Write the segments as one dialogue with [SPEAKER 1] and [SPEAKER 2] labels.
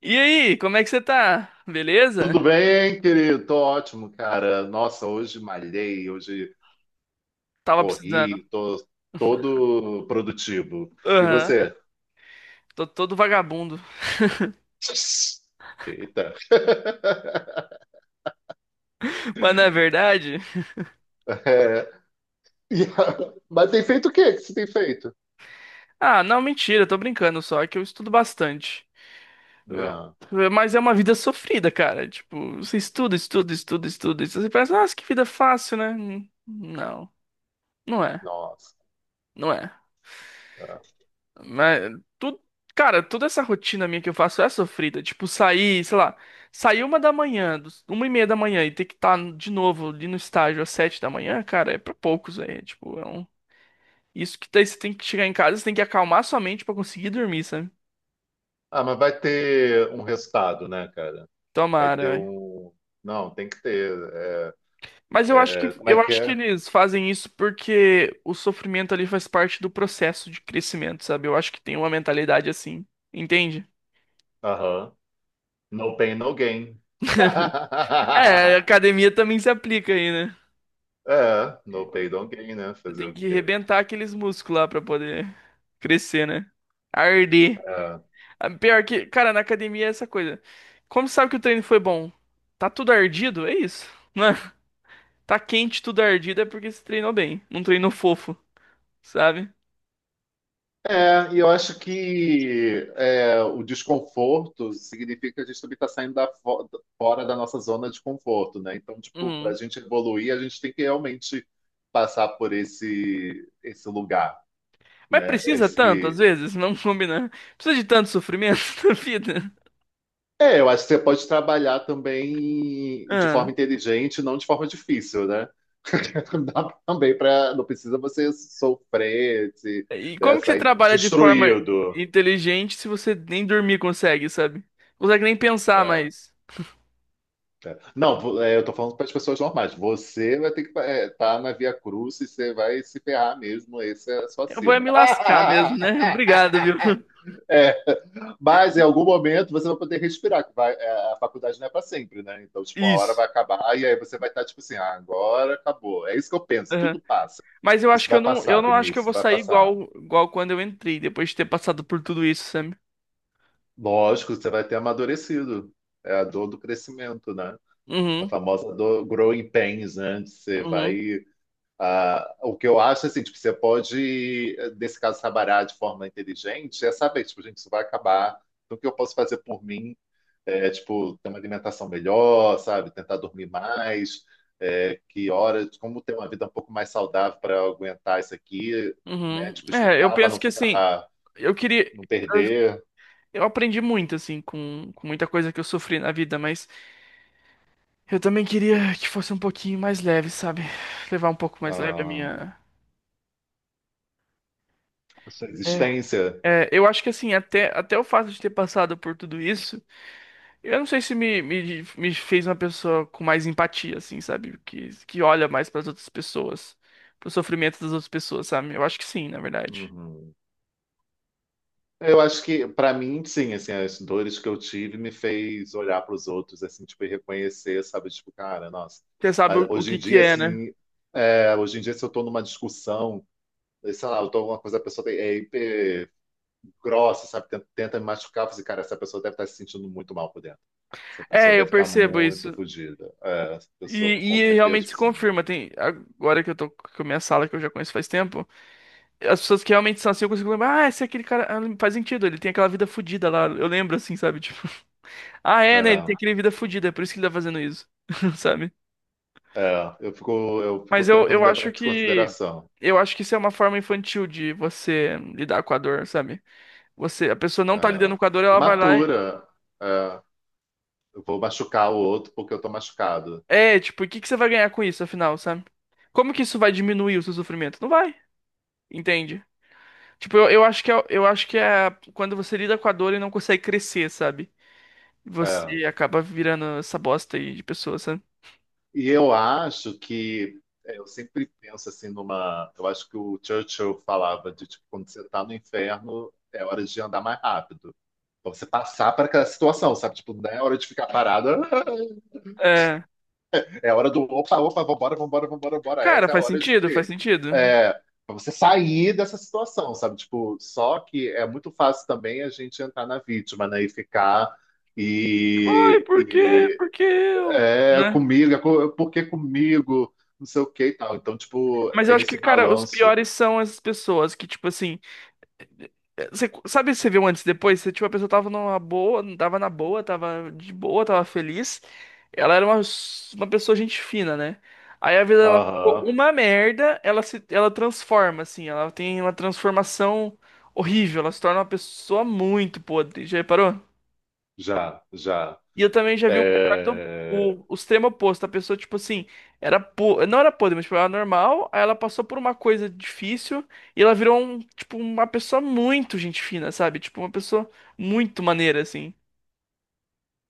[SPEAKER 1] E aí, como é que você tá? Beleza?
[SPEAKER 2] Tudo bem, querido? Tô ótimo, cara. Nossa, hoje malhei, hoje
[SPEAKER 1] Tava
[SPEAKER 2] corri,
[SPEAKER 1] precisando.
[SPEAKER 2] tô todo produtivo. E
[SPEAKER 1] Aham.
[SPEAKER 2] você?
[SPEAKER 1] Tô todo vagabundo.
[SPEAKER 2] Eita.
[SPEAKER 1] Mas não é verdade?
[SPEAKER 2] É, mas tem feito o que você tem feito?
[SPEAKER 1] Ah, não, mentira, tô brincando só, é que eu estudo bastante. Eu-
[SPEAKER 2] Ah,
[SPEAKER 1] Mas é uma vida sofrida, cara. Tipo, você estuda, estuda, estuda, estuda. E você pensa, nossa, que vida fácil, né? Não, não é.
[SPEAKER 2] nossa.
[SPEAKER 1] Não é. Mas, tudo, cara, toda essa rotina minha que eu faço é sofrida. Tipo, sair, sei lá, sair uma da manhã, uma e meia da manhã e ter que estar de novo ali no estágio às sete da manhã, cara, é pra poucos, velho. Tipo, é um... Isso que daí você tem que chegar em casa, você tem que acalmar sua mente pra conseguir dormir, sabe?
[SPEAKER 2] Ah, mas vai ter um resultado, né, cara? Vai
[SPEAKER 1] Tomara,
[SPEAKER 2] ter
[SPEAKER 1] velho.
[SPEAKER 2] um. Não, tem que ter.
[SPEAKER 1] Mas eu acho que,
[SPEAKER 2] Como é
[SPEAKER 1] eu
[SPEAKER 2] que
[SPEAKER 1] acho que
[SPEAKER 2] é?
[SPEAKER 1] eles fazem isso porque o sofrimento ali faz parte do processo de crescimento, sabe? Eu acho que tem uma mentalidade assim, entende?
[SPEAKER 2] Aham. No pain, no gain.
[SPEAKER 1] É, a academia também se aplica aí, né?
[SPEAKER 2] É, no pay don't gain, né?
[SPEAKER 1] Você
[SPEAKER 2] Fazer
[SPEAKER 1] tem
[SPEAKER 2] o
[SPEAKER 1] que
[SPEAKER 2] quê?
[SPEAKER 1] rebentar aqueles músculos lá pra poder crescer, né? Arder.
[SPEAKER 2] É.
[SPEAKER 1] Ah, pior que, cara, na academia é essa coisa. Como sabe que o treino foi bom? Tá tudo ardido? É isso. Não é? Tá quente, tudo ardido é porque você treinou bem. Não treinou fofo, sabe?
[SPEAKER 2] E eu acho que o desconforto significa que a gente também está saindo fora da nossa zona de conforto, né? Então, tipo, para a
[SPEAKER 1] Uhum.
[SPEAKER 2] gente evoluir, a gente tem que realmente passar por esse lugar,
[SPEAKER 1] Mas
[SPEAKER 2] né?
[SPEAKER 1] precisa tanto, às
[SPEAKER 2] Esse...
[SPEAKER 1] vezes, Não combinar. Precisa de tanto sofrimento na vida.
[SPEAKER 2] É, eu acho que você pode trabalhar também de
[SPEAKER 1] Ah.
[SPEAKER 2] forma inteligente, não de forma difícil, né? Dá também para, não precisa você sofrer, se,
[SPEAKER 1] E
[SPEAKER 2] né,
[SPEAKER 1] como que você
[SPEAKER 2] sair
[SPEAKER 1] trabalha de forma
[SPEAKER 2] destruído.
[SPEAKER 1] inteligente se você nem dormir consegue, sabe? Não consegue nem pensar
[SPEAKER 2] Não,
[SPEAKER 1] mais.
[SPEAKER 2] é. Não, vo- é, Eu tô falando para as pessoas normais. Você vai ter que estar na Via Cruz e você vai se ferrar mesmo. Essa é a sua
[SPEAKER 1] Eu vou é
[SPEAKER 2] sina.
[SPEAKER 1] me lascar mesmo, né? Obrigado, viu?
[SPEAKER 2] É, mas em algum momento você vai poder respirar, a faculdade não é para sempre, né? Então, tipo, uma hora vai
[SPEAKER 1] Isso.
[SPEAKER 2] acabar e aí você vai estar tipo assim, ah, agora acabou. É isso que eu penso,
[SPEAKER 1] Aham.
[SPEAKER 2] tudo passa.
[SPEAKER 1] Mas eu
[SPEAKER 2] Isso
[SPEAKER 1] acho que
[SPEAKER 2] vai
[SPEAKER 1] eu não,
[SPEAKER 2] passar,
[SPEAKER 1] eu não acho que eu
[SPEAKER 2] Vinícius,
[SPEAKER 1] vou
[SPEAKER 2] vai
[SPEAKER 1] sair
[SPEAKER 2] passar.
[SPEAKER 1] igual, igual quando eu entrei, depois de ter passado por tudo isso, sabe.
[SPEAKER 2] Lógico, você vai ter amadurecido. É a dor do crescimento, né? A
[SPEAKER 1] Uhum,
[SPEAKER 2] famosa dor growing pains, né? Você
[SPEAKER 1] uhum,
[SPEAKER 2] vai... Ah, o que eu acho, assim, tipo, você pode, nesse caso, trabalhar de forma inteligente, é saber, tipo, gente, isso vai acabar, então o que eu posso fazer por mim é, tipo, ter uma alimentação melhor, sabe, tentar dormir mais, é, que horas, como ter uma vida um pouco mais saudável para aguentar isso aqui, né,
[SPEAKER 1] uhum.
[SPEAKER 2] tipo,
[SPEAKER 1] É, eu
[SPEAKER 2] estudar para
[SPEAKER 1] penso
[SPEAKER 2] não
[SPEAKER 1] que assim,
[SPEAKER 2] ficar,
[SPEAKER 1] eu queria.
[SPEAKER 2] não
[SPEAKER 1] Eu,
[SPEAKER 2] perder
[SPEAKER 1] eu aprendi muito, assim, com muita coisa que eu sofri na vida, mas eu também queria que fosse um pouquinho mais leve, sabe? Levar um pouco mais leve a
[SPEAKER 2] ah,
[SPEAKER 1] minha.
[SPEAKER 2] a sua
[SPEAKER 1] É,
[SPEAKER 2] existência.
[SPEAKER 1] é, eu acho que assim, até o fato de ter passado por tudo isso. Eu não sei se me fez uma pessoa com mais empatia, assim, sabe? Que olha mais para as outras pessoas, pro sofrimento das outras pessoas, sabe? Eu acho que sim, na verdade.
[SPEAKER 2] Uhum. Eu acho que, para mim, sim, assim, as dores que eu tive me fez olhar para os outros, assim, tipo, e reconhecer, sabe? Tipo, cara, nossa,
[SPEAKER 1] Você sabe o
[SPEAKER 2] hoje
[SPEAKER 1] que
[SPEAKER 2] em
[SPEAKER 1] que
[SPEAKER 2] dia,
[SPEAKER 1] é, né?
[SPEAKER 2] assim, é, hoje em dia, se eu estou numa discussão, sei lá, eu tô alguma coisa, é hiper grossa, sabe? Tenta me machucar, eu falei, cara, essa pessoa deve estar se sentindo muito mal por dentro. Essa pessoa
[SPEAKER 1] É, eu
[SPEAKER 2] deve estar
[SPEAKER 1] percebo
[SPEAKER 2] muito
[SPEAKER 1] isso.
[SPEAKER 2] fodida. É, essa
[SPEAKER 1] E,
[SPEAKER 2] pessoa, com
[SPEAKER 1] e
[SPEAKER 2] certeza,
[SPEAKER 1] realmente
[SPEAKER 2] tipo
[SPEAKER 1] se
[SPEAKER 2] assim,
[SPEAKER 1] confirma. Tem, agora que eu tô com a minha sala, que eu já conheço faz tempo, as pessoas que realmente são assim, eu consigo lembrar, ah, esse é aquele cara, ah, faz sentido, ele tem aquela vida fudida lá. Eu lembro, assim, sabe? Tipo, ah, é, né? Ele tem
[SPEAKER 2] é,
[SPEAKER 1] aquele vida fudida, é por isso que ele tá fazendo isso, sabe?
[SPEAKER 2] é, eu fico
[SPEAKER 1] Mas eu,
[SPEAKER 2] tentando
[SPEAKER 1] eu
[SPEAKER 2] levar
[SPEAKER 1] acho
[SPEAKER 2] isso em
[SPEAKER 1] que
[SPEAKER 2] consideração.
[SPEAKER 1] eu acho que isso é uma forma infantil de você lidar com a dor, sabe? Você, a pessoa não tá
[SPEAKER 2] É,
[SPEAKER 1] lidando com a dor, ela vai lá e
[SPEAKER 2] imatura. É, eu vou machucar o outro porque eu estou machucado.
[SPEAKER 1] é, tipo, o que que você vai ganhar com isso, afinal, sabe? Como que isso vai diminuir o seu sofrimento? Não vai, entende? Tipo, eu acho que é, eu acho que é quando você lida com a dor e não consegue crescer, sabe?
[SPEAKER 2] É.
[SPEAKER 1] Você acaba virando essa bosta aí de pessoa, sabe?
[SPEAKER 2] E eu acho que eu sempre penso assim numa... Eu acho que o Churchill falava de tipo, quando você está no inferno, é hora de andar mais rápido. Pra você passar para aquela situação, sabe? Tipo, não é hora de ficar parada,
[SPEAKER 1] É,
[SPEAKER 2] é hora do opa, opa, vambora, vambora, vambora, vambora.
[SPEAKER 1] cara,
[SPEAKER 2] Essa é a
[SPEAKER 1] faz
[SPEAKER 2] hora de tipo,
[SPEAKER 1] sentido,
[SPEAKER 2] assim,
[SPEAKER 1] faz sentido.
[SPEAKER 2] é, pra você sair dessa situação, sabe? Tipo, só que é muito fácil também a gente entrar na vítima, né? E ficar
[SPEAKER 1] Ai,
[SPEAKER 2] e,
[SPEAKER 1] por quê?
[SPEAKER 2] e
[SPEAKER 1] Por que eu?
[SPEAKER 2] É,
[SPEAKER 1] Né?
[SPEAKER 2] comigo, por que comigo? Não sei o que e tal. Então, tipo,
[SPEAKER 1] Mas eu
[SPEAKER 2] tem
[SPEAKER 1] acho que,
[SPEAKER 2] esse
[SPEAKER 1] cara, os
[SPEAKER 2] balanço.
[SPEAKER 1] piores são essas pessoas que, tipo assim. Você, sabe, você viu antes e depois? Você, tipo, a pessoa tava numa boa, tava na boa, tava de boa, tava feliz. Ela era uma pessoa gente fina, né? Aí a vida dela ficou
[SPEAKER 2] Aham,
[SPEAKER 1] uma merda, ela se, ela transforma, assim, ela tem uma transformação horrível, ela se torna uma pessoa muito podre. Já reparou?
[SPEAKER 2] já, já.
[SPEAKER 1] E eu também já vi o contrário do
[SPEAKER 2] É,
[SPEAKER 1] o extremo oposto. A pessoa, tipo assim, era po... não era podre, mas tipo, era normal. Aí ela passou por uma coisa difícil e ela virou um, tipo, uma pessoa muito gente fina, sabe? Tipo, uma pessoa muito maneira, assim.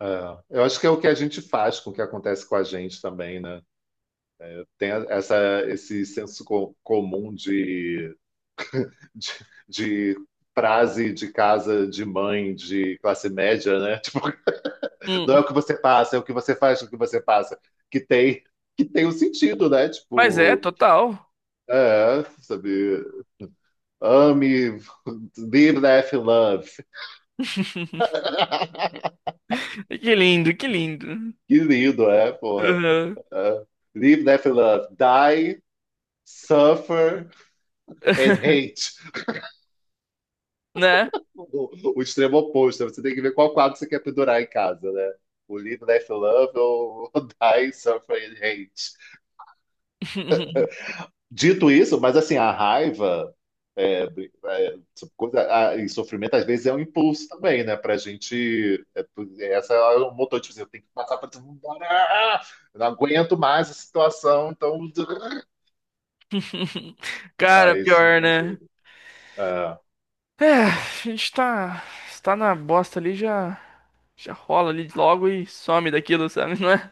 [SPEAKER 2] é. Eu acho que é o que a gente faz com o que acontece com a gente também, né? Tem a- essa, esse comum de, de frase de casa de mãe, de classe média, né? Tipo, não
[SPEAKER 1] Hum.
[SPEAKER 2] é o que você passa, é o que você faz com o que você passa. Que tem, que tem um sentido, né?
[SPEAKER 1] Mas é,
[SPEAKER 2] Tipo,
[SPEAKER 1] total.
[SPEAKER 2] é, sabe? Ame, live, laugh, love.
[SPEAKER 1] Que lindo, que lindo.
[SPEAKER 2] Que lindo, é, porra.
[SPEAKER 1] Uhum.
[SPEAKER 2] É. Live, laugh, love. Die, suffer and hate.
[SPEAKER 1] Né?
[SPEAKER 2] O, o extremo oposto. Né? Você tem que ver qual quadro você quer pendurar em casa, né? O live, laugh, love ou die, suffer and hate. Dito isso, mas assim, a raiva é, coisa, ah, e sofrimento às vezes é um impulso também, né? Pra gente. É, essa é um motor, de dizer eu tenho que passar pra todo mundo. Ah, eu não aguento mais a situação, então. Ah,
[SPEAKER 1] Cara,
[SPEAKER 2] isso
[SPEAKER 1] pior,
[SPEAKER 2] me
[SPEAKER 1] né?
[SPEAKER 2] ajuda. Ah,
[SPEAKER 1] É, a gente tá na bosta ali, já, já rola ali logo e some daquilo, sabe? Não é?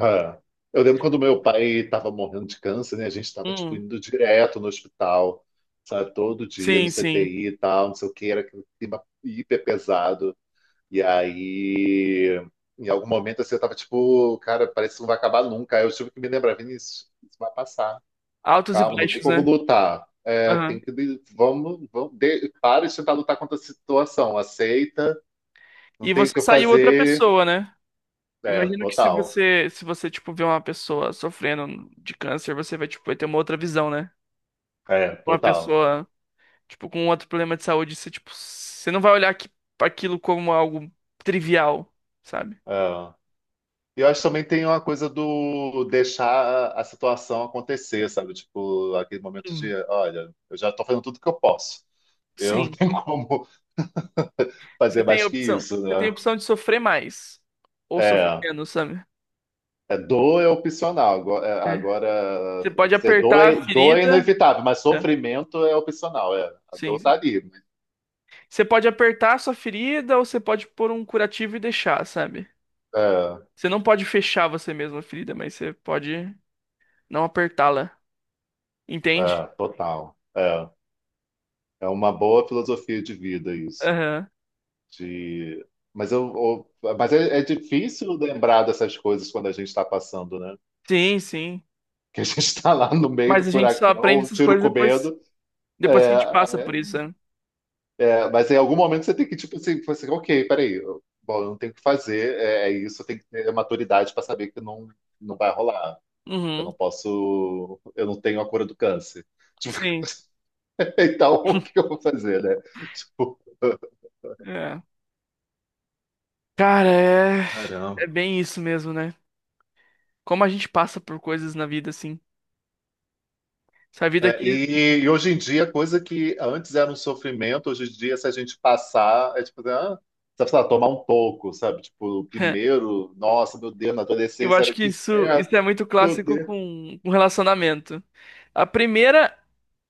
[SPEAKER 2] ah. Eu lembro quando meu pai estava morrendo de câncer, né? A gente estava tipo
[SPEAKER 1] Hum,
[SPEAKER 2] indo direto no hospital, sabe? Todo dia no
[SPEAKER 1] sim, sim.
[SPEAKER 2] CTI e tal, não sei o que, era aquele clima hiper pesado. E aí, em algum momento, assim, eu tava tipo, cara, parece que não vai acabar nunca. Aí eu tive que me lembrar, Vinícius, isso vai passar.
[SPEAKER 1] Altos e
[SPEAKER 2] Calma, não tem
[SPEAKER 1] baixos,
[SPEAKER 2] como
[SPEAKER 1] né?
[SPEAKER 2] lutar. É,
[SPEAKER 1] Aham.
[SPEAKER 2] tem que. Para de tentar lutar contra a situação. Aceita, não
[SPEAKER 1] E
[SPEAKER 2] tem o
[SPEAKER 1] você
[SPEAKER 2] que eu
[SPEAKER 1] saiu outra
[SPEAKER 2] fazer.
[SPEAKER 1] pessoa, né?
[SPEAKER 2] É,
[SPEAKER 1] Imagino que se
[SPEAKER 2] total.
[SPEAKER 1] você, se você, tipo, vê uma pessoa sofrendo de câncer, você vai, tipo, vai ter uma outra visão, né?
[SPEAKER 2] É,
[SPEAKER 1] Uma
[SPEAKER 2] total.
[SPEAKER 1] pessoa, tipo, com outro problema de saúde, você, tipo, você não vai olhar aqui, aquilo como algo trivial, sabe?
[SPEAKER 2] É. E eu acho que também tem uma coisa do deixar a situação acontecer, sabe? Tipo, aquele momento de,
[SPEAKER 1] Hum,
[SPEAKER 2] olha, eu já tô fazendo tudo que eu posso. Eu não
[SPEAKER 1] Sim.
[SPEAKER 2] tenho como
[SPEAKER 1] Você
[SPEAKER 2] fazer
[SPEAKER 1] tem a
[SPEAKER 2] mais que
[SPEAKER 1] opção.
[SPEAKER 2] isso,
[SPEAKER 1] Você tem a
[SPEAKER 2] né?
[SPEAKER 1] opção de sofrer mais ou sofrer
[SPEAKER 2] É,
[SPEAKER 1] menos, sabe?
[SPEAKER 2] é dor é opcional. Agora, é,
[SPEAKER 1] É. Você
[SPEAKER 2] agora, quer
[SPEAKER 1] pode
[SPEAKER 2] dizer,
[SPEAKER 1] apertar a
[SPEAKER 2] dor é
[SPEAKER 1] ferida.
[SPEAKER 2] inevitável, mas
[SPEAKER 1] É.
[SPEAKER 2] sofrimento é opcional. É, a dor tá
[SPEAKER 1] Sim.
[SPEAKER 2] ali. Mas...
[SPEAKER 1] Você pode apertar a sua ferida ou você pode pôr um curativo e deixar, sabe?
[SPEAKER 2] é,
[SPEAKER 1] Você não pode fechar você mesmo a ferida, mas você pode não apertá-la. Entende?
[SPEAKER 2] é, total. É, é uma boa filosofia de vida isso.
[SPEAKER 1] Aham.
[SPEAKER 2] De, mas é, é difícil lembrar dessas coisas quando a gente está passando, né?
[SPEAKER 1] Sim, sim.
[SPEAKER 2] Que a gente está lá no meio do
[SPEAKER 1] Mas a gente só
[SPEAKER 2] furacão,
[SPEAKER 1] aprende
[SPEAKER 2] o
[SPEAKER 1] essas
[SPEAKER 2] tiro
[SPEAKER 1] coisas
[SPEAKER 2] com
[SPEAKER 1] depois,
[SPEAKER 2] medo.
[SPEAKER 1] depois que a
[SPEAKER 2] É,
[SPEAKER 1] gente passa por isso, né?
[SPEAKER 2] mas em algum momento você tem que, tipo assim, falar assim, ok, peraí, eu, bom, eu não tenho o que fazer, é, é isso, eu tenho que ter maturidade para saber que não, não vai rolar. Eu não
[SPEAKER 1] Uhum.
[SPEAKER 2] posso, eu não tenho a cura do câncer. Tipo,
[SPEAKER 1] Sim.
[SPEAKER 2] então, o que eu vou fazer, né? Tipo,
[SPEAKER 1] É. Cara, é... é
[SPEAKER 2] caramba.
[SPEAKER 1] bem isso mesmo, né? Como a gente passa por coisas na vida, assim. Essa vida
[SPEAKER 2] É,
[SPEAKER 1] aqui.
[SPEAKER 2] e hoje em dia, coisa que antes era um sofrimento, hoje em dia, se a gente passar, é tipo, ah, sabe, sei lá, tomar um toco, sabe? Tipo, primeiro, nossa, meu Deus, na
[SPEAKER 1] Eu
[SPEAKER 2] adolescência
[SPEAKER 1] acho
[SPEAKER 2] era
[SPEAKER 1] que
[SPEAKER 2] que
[SPEAKER 1] isso,
[SPEAKER 2] inferno,
[SPEAKER 1] isso é muito
[SPEAKER 2] meu
[SPEAKER 1] clássico
[SPEAKER 2] Deus.
[SPEAKER 1] com relacionamento. A primeira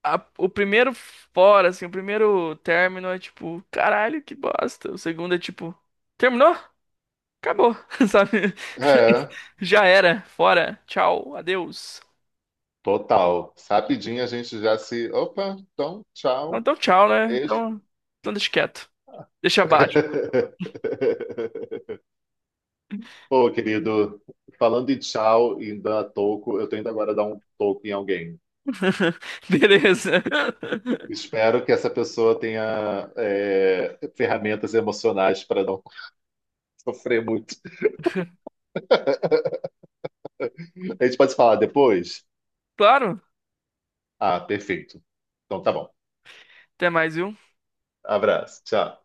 [SPEAKER 1] o primeiro fora, assim, o primeiro término é tipo, caralho, que bosta. O segundo é tipo, terminou? Acabou, sabe?
[SPEAKER 2] É.
[SPEAKER 1] Já era, fora, tchau, adeus.
[SPEAKER 2] Total. Rapidinho a gente já se... Opa, então,
[SPEAKER 1] Ah,
[SPEAKER 2] tchau.
[SPEAKER 1] então, tchau, né?
[SPEAKER 2] Beijo.
[SPEAKER 1] Então deixa quieto. Deixa abaixo.
[SPEAKER 2] Pô, querido, falando em tchau e dar toco, eu tô indo agora dar um toco em alguém.
[SPEAKER 1] Beleza.
[SPEAKER 2] Espero que essa pessoa tenha é, ferramentas emocionais para não sofrer muito. A gente pode se falar depois?
[SPEAKER 1] Claro,
[SPEAKER 2] Ah, perfeito. Então tá bom.
[SPEAKER 1] até mais, viu?
[SPEAKER 2] Abraço. Tchau.